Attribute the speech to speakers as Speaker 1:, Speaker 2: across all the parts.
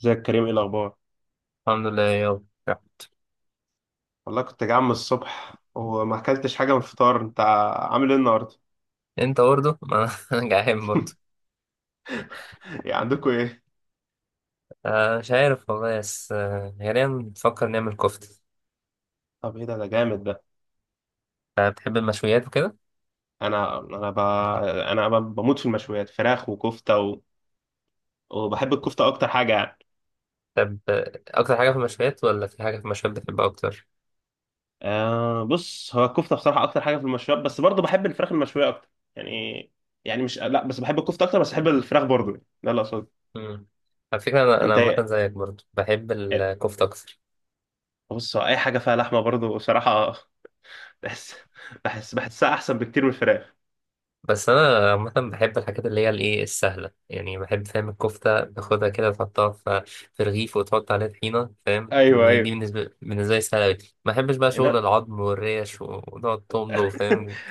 Speaker 1: ازيك يا كريم؟ ايه الاخبار؟
Speaker 2: الحمد لله يابا.
Speaker 1: والله كنت جعان من الصبح وما اكلتش حاجه من الفطار. انت عامل ايه النهارده؟
Speaker 2: انت برضه ما انا جعان برضه.
Speaker 1: يعني عندكم ايه؟
Speaker 2: مش عارف والله. بس غالبا بنفكر نعمل كفتة.
Speaker 1: طب ايه ده؟ ده جامد.
Speaker 2: آه، بتحب المشويات وكده؟
Speaker 1: انا انا ب... انا بموت في المشويات، فراخ وكفته وبحب الكفته اكتر حاجه يعني.
Speaker 2: طب اكتر حاجة في المشويات، ولا في حاجة في المشويات بتحبها اكتر؟
Speaker 1: آه، بص، هو الكفته بصراحه اكتر حاجه في المشويات، بس برضه بحب الفراخ المشويه اكتر يعني. يعني مش لا، بس بحب الكفته اكتر، بس بحب الفراخ برضه يعني. ده اللي اقصده.
Speaker 2: مم. على فكرة انا
Speaker 1: انت
Speaker 2: عامة
Speaker 1: ايه؟
Speaker 2: زيك، برضه بحب
Speaker 1: إيه؟
Speaker 2: الكفتة اكتر.
Speaker 1: بص، هو اي حاجه فيها لحمه برضه بصراحه. بحس بحس بحسها احسن بكتير من الفراخ.
Speaker 2: بس انا عامة بحب الحاجات اللي هي الايه السهلة، يعني بحب، فاهم، الكفتة باخدها كده تحطها في رغيف وتحط عليها طحينة، فاهم.
Speaker 1: ايوه،
Speaker 2: دي
Speaker 1: ايوه.
Speaker 2: بالنسبة لي سهلة أوي. ما بحبش بقى شغل العظم والريش ونقعد تمضغ، فاهم.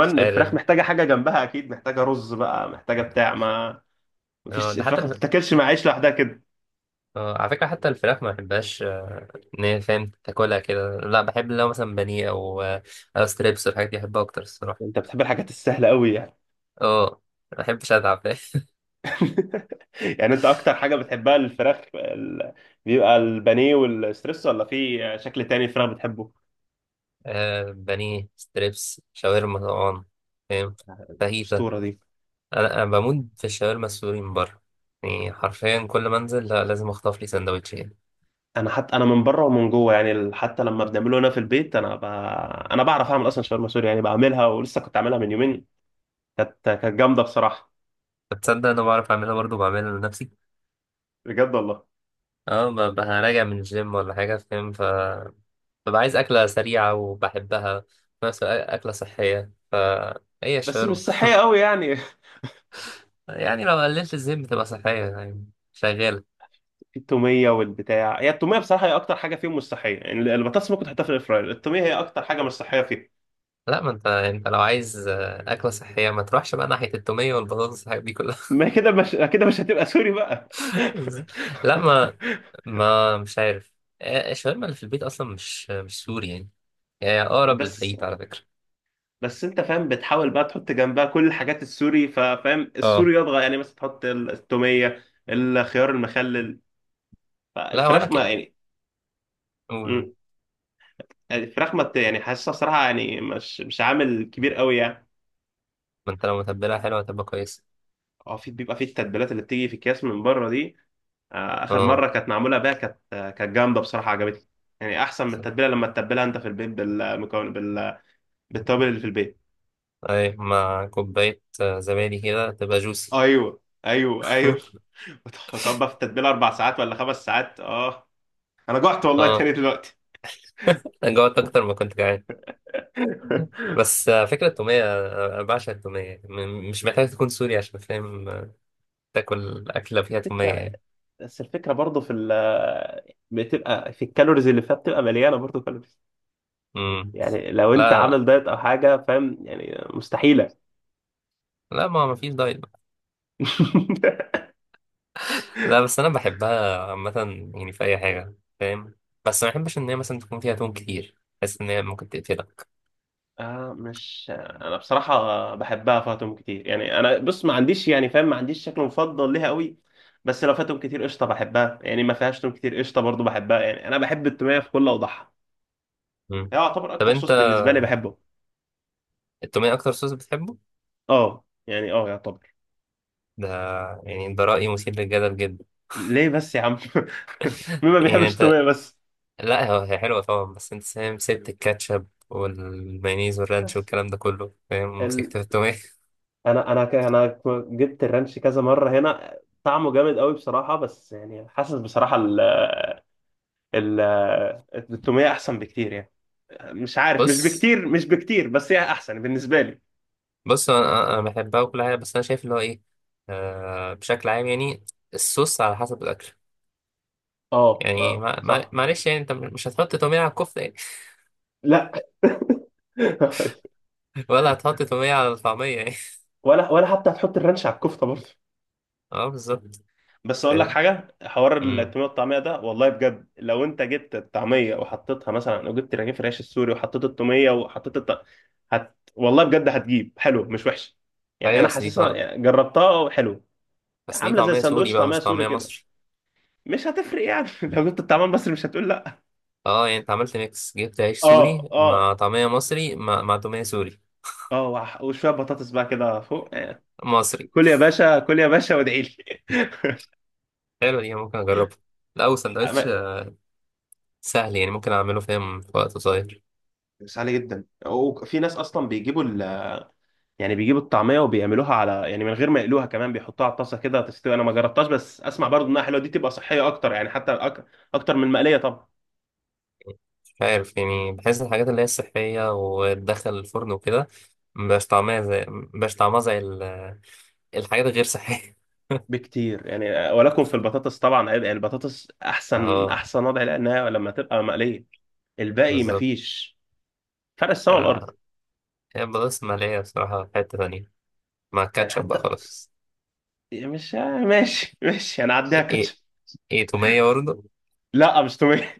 Speaker 2: مش
Speaker 1: الفراخ
Speaker 2: عارف.
Speaker 1: محتاجة حاجة جنبها، أكيد محتاجة رز بقى، محتاجة بتاع ما.
Speaker 2: اه
Speaker 1: مفيش،
Speaker 2: ده
Speaker 1: الفراخ
Speaker 2: حتى
Speaker 1: ما
Speaker 2: الف...
Speaker 1: بتتاكلش مع عيش لوحدها كده.
Speaker 2: اه، على فكرة حتى الفراخ ما بحبهاش ان هي، فاهم، تاكلها كده. لا، بحب لو مثلا بانيه او او ستريبس والحاجات دي، بحبها اكتر
Speaker 1: أنت
Speaker 2: الصراحة.
Speaker 1: بتحب الحاجات السهلة أوي يعني.
Speaker 2: اه، ما بحبش اتعب، فاهم.
Speaker 1: يعني أنت أكتر حاجة بتحبها الفراخ بيبقى البانيه والستريس، ولا في شكل تاني الفراخ بتحبه؟
Speaker 2: بانيه، ستريبس، شاورما طبعا، فاهم، فاهيتا.
Speaker 1: الأسطورة دي.
Speaker 2: انا بموت في الشاورما السوري من بره. يعني حرفيا كل ما انزل، لا، لازم اخطف لي سندوتشين.
Speaker 1: أنا حتى، أنا من بره ومن جوه يعني، حتى لما بنعمله هنا في البيت أنا بعرف أعمل أصلا شاورما سوري يعني، بعملها ولسه كنت عاملها من يومين. كانت جامدة بصراحة.
Speaker 2: فتصدق انا بعرف اعملها برضه، بعملها لنفسي.
Speaker 1: بجد والله.
Speaker 2: اه، راجع من الجيم ولا حاجة، فاهم، ف ببقى عايز أكلة سريعة وبحبها في نفس الوقت أكلة صحية، فهي
Speaker 1: بس مش
Speaker 2: الشاورما.
Speaker 1: صحية أوي يعني.
Speaker 2: يعني لو قللت الزيت بتبقى صحية يعني، شغالة.
Speaker 1: التوميه والبتاع، هي التوميه بصراحه هي اكتر حاجه فيهم مش صحيه يعني. البطاطس ممكن تحطها في الاير فراير، التوميه هي اكتر حاجه مش صحيه فيهم.
Speaker 2: لا، ما انت، انت لو عايز أكلة صحية، ما تروحش بقى ناحية التومية والبطاطس والحاجات دي كلها.
Speaker 1: ما كده، مش هتبقى سوري بقى.
Speaker 2: لا ما ما مش عارف. الشاورما اللي في البيت أصلا مش مش سوري يعني، هي أقرب
Speaker 1: بس،
Speaker 2: للفايت على فكرة.
Speaker 1: بس انت فاهم بتحاول بقى تحط جنبها كل الحاجات السوري، ففاهم
Speaker 2: اه.
Speaker 1: السوري يضغى يعني، مثلا تحط التوميه، الخيار المخلل،
Speaker 2: لا وأنا
Speaker 1: فالفراخ ما
Speaker 2: كده،
Speaker 1: يعني.
Speaker 2: قول بقى.
Speaker 1: مم. الفراخ ما بت- يعني حاسسها صراحه يعني مش، مش عامل كبير قوي يعني.
Speaker 2: ما انت لو متبلها حلوة هتبقى كويسة.
Speaker 1: اه، في، بيبقى في التتبيلات اللي بتيجي في اكياس من بره دي. اخر
Speaker 2: اه،
Speaker 1: مره كانت معموله بيها، كانت، كانت جامده بصراحه، عجبتني. يعني احسن من التتبيله لما تتبلها انت في البيت بالمكون بالتوابل اللي في البيت.
Speaker 2: اي مع كوباية زبادي كده، تبقى جوسي.
Speaker 1: ايوه، ايوه، ايوه. طب في التتبيله اربع ساعات ولا خمس ساعات؟ اه، انا جعت والله
Speaker 2: اه،
Speaker 1: تاني دلوقتي.
Speaker 2: جوعت اكتر ما كنت جعان. بس فكرة التومية، أنا بعشق التومية. مش محتاج تكون سوري عشان، فاهم، تاكل أكلة فيها تومية
Speaker 1: الفكرة،
Speaker 2: يعني.
Speaker 1: بس الفكرة برضه في بتبقى في الكالوريز اللي فيها، بتبقى مليانة برضه كالوريز.
Speaker 2: مم.
Speaker 1: يعني لو انت
Speaker 2: لا،
Speaker 1: عامل دايت او حاجة فاهم، يعني مستحيلة.
Speaker 2: لا ما ما فيش دايت. لا، بس أنا بحبها عامة، يعني في أي حاجة، فاهم. بس ما بحبش إن هي مثلا تكون فيها توم كتير، بحس إن هي ممكن تقتلك.
Speaker 1: مش، انا بصراحه بحبها فاتهم كتير يعني. انا بص، ما عنديش يعني فاهم، ما عنديش شكل مفضل ليها قوي. بس لو فاتهم كتير قشطه، بحبها يعني، ما فيهاش توم كتير قشطه برضو، بحبها يعني. انا بحب التوميه في كل اوضاعها.
Speaker 2: مم.
Speaker 1: هي يعتبر
Speaker 2: طب
Speaker 1: اكتر صوص
Speaker 2: أنت،
Speaker 1: بالنسبه لي بحبه.
Speaker 2: التومية أكتر صوص بتحبه؟
Speaker 1: اه يعني، اه يعتبر.
Speaker 2: ده يعني ده رأي مثير للجدل جدا.
Speaker 1: ليه بس يا عم؟ مين ما
Speaker 2: يعني
Speaker 1: بيحبش
Speaker 2: أنت،
Speaker 1: التوميه بس؟
Speaker 2: لا، هو هي حلوة طبعا، بس انت فاهم سبت الكاتشب والمايونيز والرانش
Speaker 1: بس
Speaker 2: والكلام ده كله، فاهم،
Speaker 1: ال...
Speaker 2: ومسكت في التومية.
Speaker 1: انا جبت الرانش كذا مره هنا. طعمه جامد قوي بصراحه، بس يعني حاسس بصراحه ال ال التوميه احسن بكتير يعني. مش عارف، مش
Speaker 2: بص،
Speaker 1: بكتير، مش بكتير، بس هي احسن بالنسبه لي.
Speaker 2: بص انا، انا بحبها وكل حاجة، بس انا شايف اللي هو ايه، آه، بشكل عام يعني. الصوص على حسب الاكل.
Speaker 1: اه،
Speaker 2: يعني
Speaker 1: اه،
Speaker 2: ما
Speaker 1: صح.
Speaker 2: معلش، يعني انت مش هتحط تومية على الكفتة يعني.
Speaker 1: لا.
Speaker 2: ولا هتحط تومية على الطعمية يعني.
Speaker 1: ولا، ولا حتى هتحط الرانش على الكفته برضه.
Speaker 2: اه بالظبط.
Speaker 1: بس اقول لك
Speaker 2: فاهم.
Speaker 1: حاجه، حوار
Speaker 2: امم.
Speaker 1: التوميه والطعميه ده، والله بجد لو انت جبت الطعميه وحطيتها مثلا، او جبت رغيف العيش السوري وحطيت التوميه وحطيت والله بجد هتجيب حلو، مش وحش. يعني
Speaker 2: ايوه،
Speaker 1: انا حاسسها، يعني جربتها وحلو.
Speaker 2: بس
Speaker 1: يعني
Speaker 2: دي
Speaker 1: عامله زي
Speaker 2: طعمية سوري
Speaker 1: سندوتش
Speaker 2: بقى،
Speaker 1: طعميه
Speaker 2: مش
Speaker 1: سوري
Speaker 2: طعمية
Speaker 1: كده،
Speaker 2: مصري.
Speaker 1: مش هتفرق يعني. لو جبت الطعميه المصري مش هتقول لا.
Speaker 2: اه يعني انت عملت ميكس، جبت عيش
Speaker 1: اه،
Speaker 2: سوري
Speaker 1: اه.
Speaker 2: مع طعمية مصري مع تومية سوري
Speaker 1: اه، وشويه بطاطس بقى كده فوق.
Speaker 2: مصري.
Speaker 1: كل يا باشا، كل يا باشا وادعي لي.
Speaker 2: حلوة دي، ممكن أجربها. لا وسندوتش
Speaker 1: عم-
Speaker 2: سهل يعني، ممكن أعمله، فاهم، في وقت قصير.
Speaker 1: بس عالي جدا. وفي ناس اصلا بيجيبوا يعني بيجيبوا الطعميه وبيعملوها على، يعني من غير ما يقلوها، كمان بيحطوها على الطاسه كده تستوي. انا ما جربتهاش، بس اسمع برضو انها حلوه، دي تبقى صحيه اكتر يعني. حتى اكتر من المقليه طبعا،
Speaker 2: مش عارف يعني، بحس الحاجات اللي هي الصحية وتدخل الفرن وكده مبقاش طعمها زي الحاجات الغير صحية.
Speaker 1: بكتير يعني. ولكم في البطاطس طبعا، هيبقى البطاطس احسن،
Speaker 2: اه
Speaker 1: احسن وضع، لانها لما تبقى مقليه الباقي
Speaker 2: بالظبط.
Speaker 1: مفيش. فرق السما
Speaker 2: لا
Speaker 1: والارض.
Speaker 2: لا، هي البطاطس المقلية بصراحة في حتة تانية، مع
Speaker 1: يعني
Speaker 2: الكاتشب بقى
Speaker 1: حتى،
Speaker 2: خلاص.
Speaker 1: مش ماشي، ماشي انا عديها
Speaker 2: ايه ايه،
Speaker 1: كاتشب.
Speaker 2: إيه، تومية برضه.
Speaker 1: لا، مش توميه.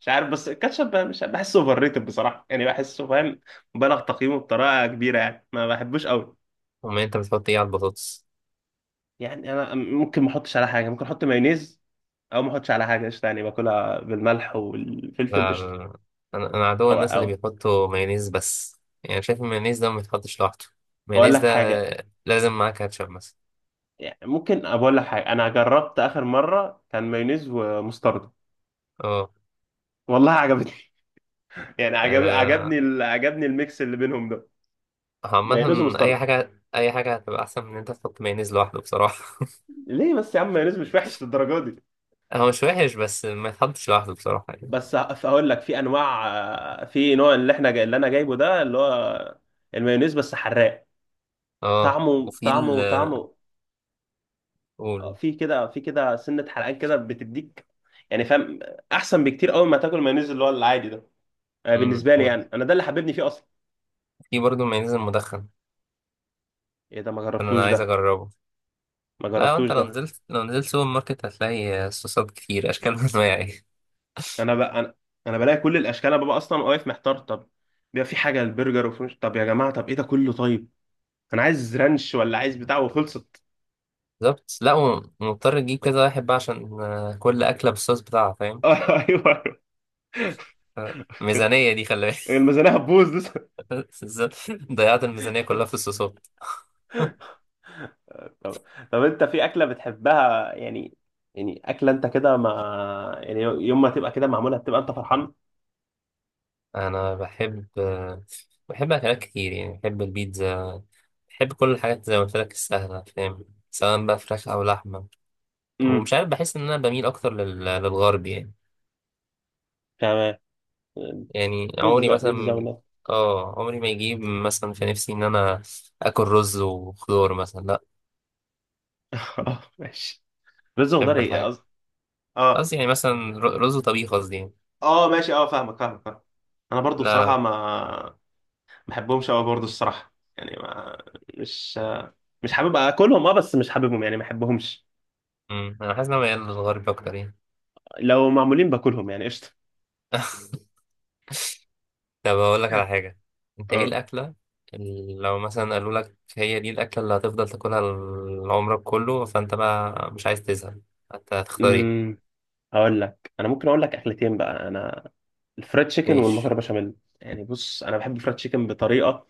Speaker 1: مش عارف، بس الكاتشب مش بحسه اوفر ريتد بصراحه، يعني بحسه فاهم مبالغ تقييمه بطريقه كبيره يعني، ما بحبوش قوي.
Speaker 2: تومية، انت بتحط ايه على البطاطس؟
Speaker 1: يعني انا ممكن ما احطش على حاجه، ممكن احط مايونيز، او ما احطش على حاجه قشطه، يعني باكلها بالملح والفلفل
Speaker 2: لا
Speaker 1: قشطه.
Speaker 2: لا لا. انا عدو
Speaker 1: او،
Speaker 2: الناس
Speaker 1: او
Speaker 2: اللي بيحطوا مايونيز بس. يعني شايف المايونيز ده ما يتحطش لوحده.
Speaker 1: اقول
Speaker 2: المايونيز
Speaker 1: لك
Speaker 2: ده
Speaker 1: حاجه،
Speaker 2: لازم معاه كاتشب مثلا.
Speaker 1: يعني ممكن اقول لك حاجه، انا جربت اخر مره كان مايونيز ومستردة،
Speaker 2: اه.
Speaker 1: والله عجبتني. يعني
Speaker 2: آه،
Speaker 1: عجبني عجبني الميكس اللي بينهم ده،
Speaker 2: عامة
Speaker 1: مايونيز
Speaker 2: اي
Speaker 1: ومستردة.
Speaker 2: حاجة، اي حاجة هتبقى احسن من ان انت تحط مايونيز لوحده بصراحة.
Speaker 1: ليه بس يا عم؟ مايونيز مش وحش للدرجه دي.
Speaker 2: هو مش وحش، بس ما يتحطش لوحده بصراحة يعني.
Speaker 1: بس هقول لك، في انواع، في نوع، اللي احنا جاي، اللي انا جايبه ده اللي هو المايونيز بس حراق.
Speaker 2: اه،
Speaker 1: طعمه،
Speaker 2: وفي ال،
Speaker 1: طعمه، طعمه،
Speaker 2: قول.
Speaker 1: في كده، في كده سنة حرقان كده بتديك يعني، فاهم؟ احسن بكتير قوي ما تاكل مايونيز اللي هو العادي ده،
Speaker 2: امم.
Speaker 1: بالنسبة لي يعني. انا ده اللي حببني فيه اصلا.
Speaker 2: في برضه المايونيز المدخن،
Speaker 1: ايه ده؟ ما
Speaker 2: ده انا
Speaker 1: جربتوش
Speaker 2: عايز
Speaker 1: ده.
Speaker 2: اجربه.
Speaker 1: ما
Speaker 2: لا،
Speaker 1: جربتوش
Speaker 2: انت لو
Speaker 1: ده.
Speaker 2: نزلت، سوبر ماركت، هتلاقي صوصات كتير اشكال وانواع.
Speaker 1: انا انا بلاقي كل الاشكال، انا ببقى اصلا واقف محتار. طب، بيبقى في حاجة البرجر وفرنش، طب يا جماعة طب ايه ده كله؟ طيب انا عايز رانش ولا عايز بتاع وخلصت.
Speaker 2: بالظبط، لا هو مضطر تجيب كذا واحد بقى عشان كل أكلة بالصوص بتاعها، فاهم.
Speaker 1: ايوه،
Speaker 2: ميزانية دي خلي
Speaker 1: الميزانية هتبوظ لسه.
Speaker 2: بالك. بالظبط، ضيعت الميزانية كلها في الصوصات.
Speaker 1: طب، طب انت في اكلة بتحبها يعني، يعني اكلة انت كده ما، يعني يوم ما تبقى كده معمولة تبقى انت فرحان؟
Speaker 2: أنا بحب بحب أكلات كتير يعني، بحب البيتزا، بحب كل الحاجات زي ما قلت لك السهلة، فاهم، سواء بقى فراخ أو لحمة. ومش
Speaker 1: امم،
Speaker 2: عارف، بحس إن أنا بميل أكتر للغرب يعني.
Speaker 1: تمام.
Speaker 2: يعني عمري
Speaker 1: بيتزا، بيتزا
Speaker 2: مثلا،
Speaker 1: ولا؟
Speaker 2: اه عمري ما يجيب مثلا في نفسي إن أنا آكل رز وخضار مثلا، لا.
Speaker 1: اه ماشي، بيتزا وخضار،
Speaker 2: بحب
Speaker 1: ايه
Speaker 2: الحاجات.
Speaker 1: قصدي، اه،
Speaker 2: قصدي يعني مثلا، رز وطبيخ قصدي يعني.
Speaker 1: اه ماشي، اه فاهمك، فاهمك، فاهمك. انا برضو
Speaker 2: لا
Speaker 1: بصراحة،
Speaker 2: لا.
Speaker 1: ما ما بحبهمش قوي برضو الصراحة يعني. ما مش، مش حابب اكلهم، اه، بس مش حاببهم يعني، ما بحبهمش.
Speaker 2: مم. انا حاسس ان انا ميال للغرب اكتر يعني.
Speaker 1: لو معمولين باكلهم يعني قشطة.
Speaker 2: طب اقول لك على حاجه، انت ايه الاكله اللي لو مثلا قالوا لك هي دي الاكله اللي هتفضل تاكلها عمرك كله، فانت بقى مش عايز تزهق، انت هتختار ايه؟
Speaker 1: اه هقول لك، انا ممكن اقول لك اكلتين بقى انا، الفرايد تشيكن والمكرونه
Speaker 2: ماشي.
Speaker 1: بشاميل. يعني بص، انا بحب الفرايد تشيكن بطريقه،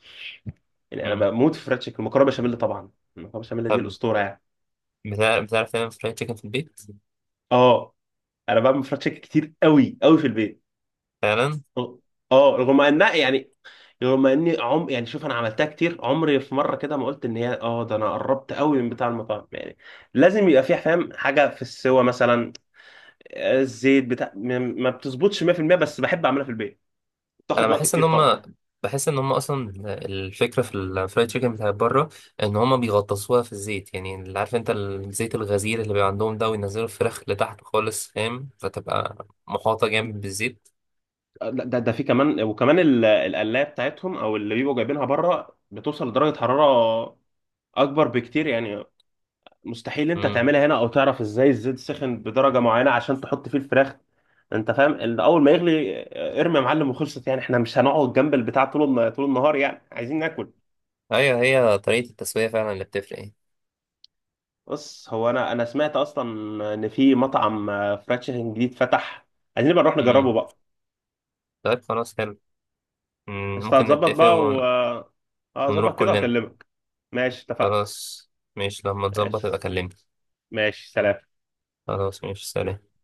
Speaker 1: يعني انا
Speaker 2: مم.
Speaker 1: بموت في الفرايد تشيكن. المكرونه بشاميل طبعا، المكرونه بشاميل دي
Speaker 2: طب
Speaker 1: الاسطوره يعني.
Speaker 2: بتعرف تعمل فرايد تشيكن في البيت؟
Speaker 1: اه، انا بعمل فرايد تشيكن كتير قوي قوي في البيت.
Speaker 2: فعلا.
Speaker 1: اه، رغم انها يعني، رغم اني يعني شوف، انا عملتها كتير عمري، في مره كده ما قلت ان هي، اه ده انا قربت قوي من بتاع المطاعم يعني. لازم يبقى فيها فاهم حاجه في السوا مثلا، الزيت بتاع ما، بتظبطش 100%. بس بحب اعملها في البيت.
Speaker 2: انا
Speaker 1: بتاخد وقت كتير طبعا.
Speaker 2: بحس ان هم اصلا، الفكره في الفرايد تشيكن بتاعت بره، ان هم بيغطسوها في الزيت، يعني اللي عارف انت الزيت الغزير اللي بيبقى عندهم ده، وينزلوا الفراخ لتحت خالص، فاهم، فتبقى محاطه جامد بالزيت.
Speaker 1: لا، ده في كمان، وكمان القلايه بتاعتهم او اللي بيبقوا جايبينها بره، بتوصل لدرجه حراره اكبر بكتير يعني. مستحيل انت
Speaker 2: امم.
Speaker 1: تعملها هنا، او تعرف ازاي الزيت سخن بدرجه معينه عشان تحط فيه الفراخ. انت فاهم، اللي اول ما يغلي، ارمي يا معلم وخلصت يعني. احنا مش هنقعد جنب البتاع طول طول النهار يعني، عايزين ناكل.
Speaker 2: ايوه، هي طريقه التسويه فعلا اللي بتفرق يعني.
Speaker 1: بص، هو انا سمعت اصلا ان في مطعم، فرايد تشيكن جديد فتح، عايزين نبقى نروح نجربه
Speaker 2: امم.
Speaker 1: بقى.
Speaker 2: طيب خلاص حلو. مم.
Speaker 1: بس
Speaker 2: ممكن
Speaker 1: هتظبط
Speaker 2: نتفق
Speaker 1: بقى و، اه
Speaker 2: ونروح
Speaker 1: ظبط كده
Speaker 2: كلنا.
Speaker 1: واكلمك. ماشي، اتفقنا.
Speaker 2: خلاص، ماشي، لما تظبط يبقى
Speaker 1: ماشي،
Speaker 2: كلمني.
Speaker 1: ماشي سلام.
Speaker 2: خلاص، ماشي، سلام.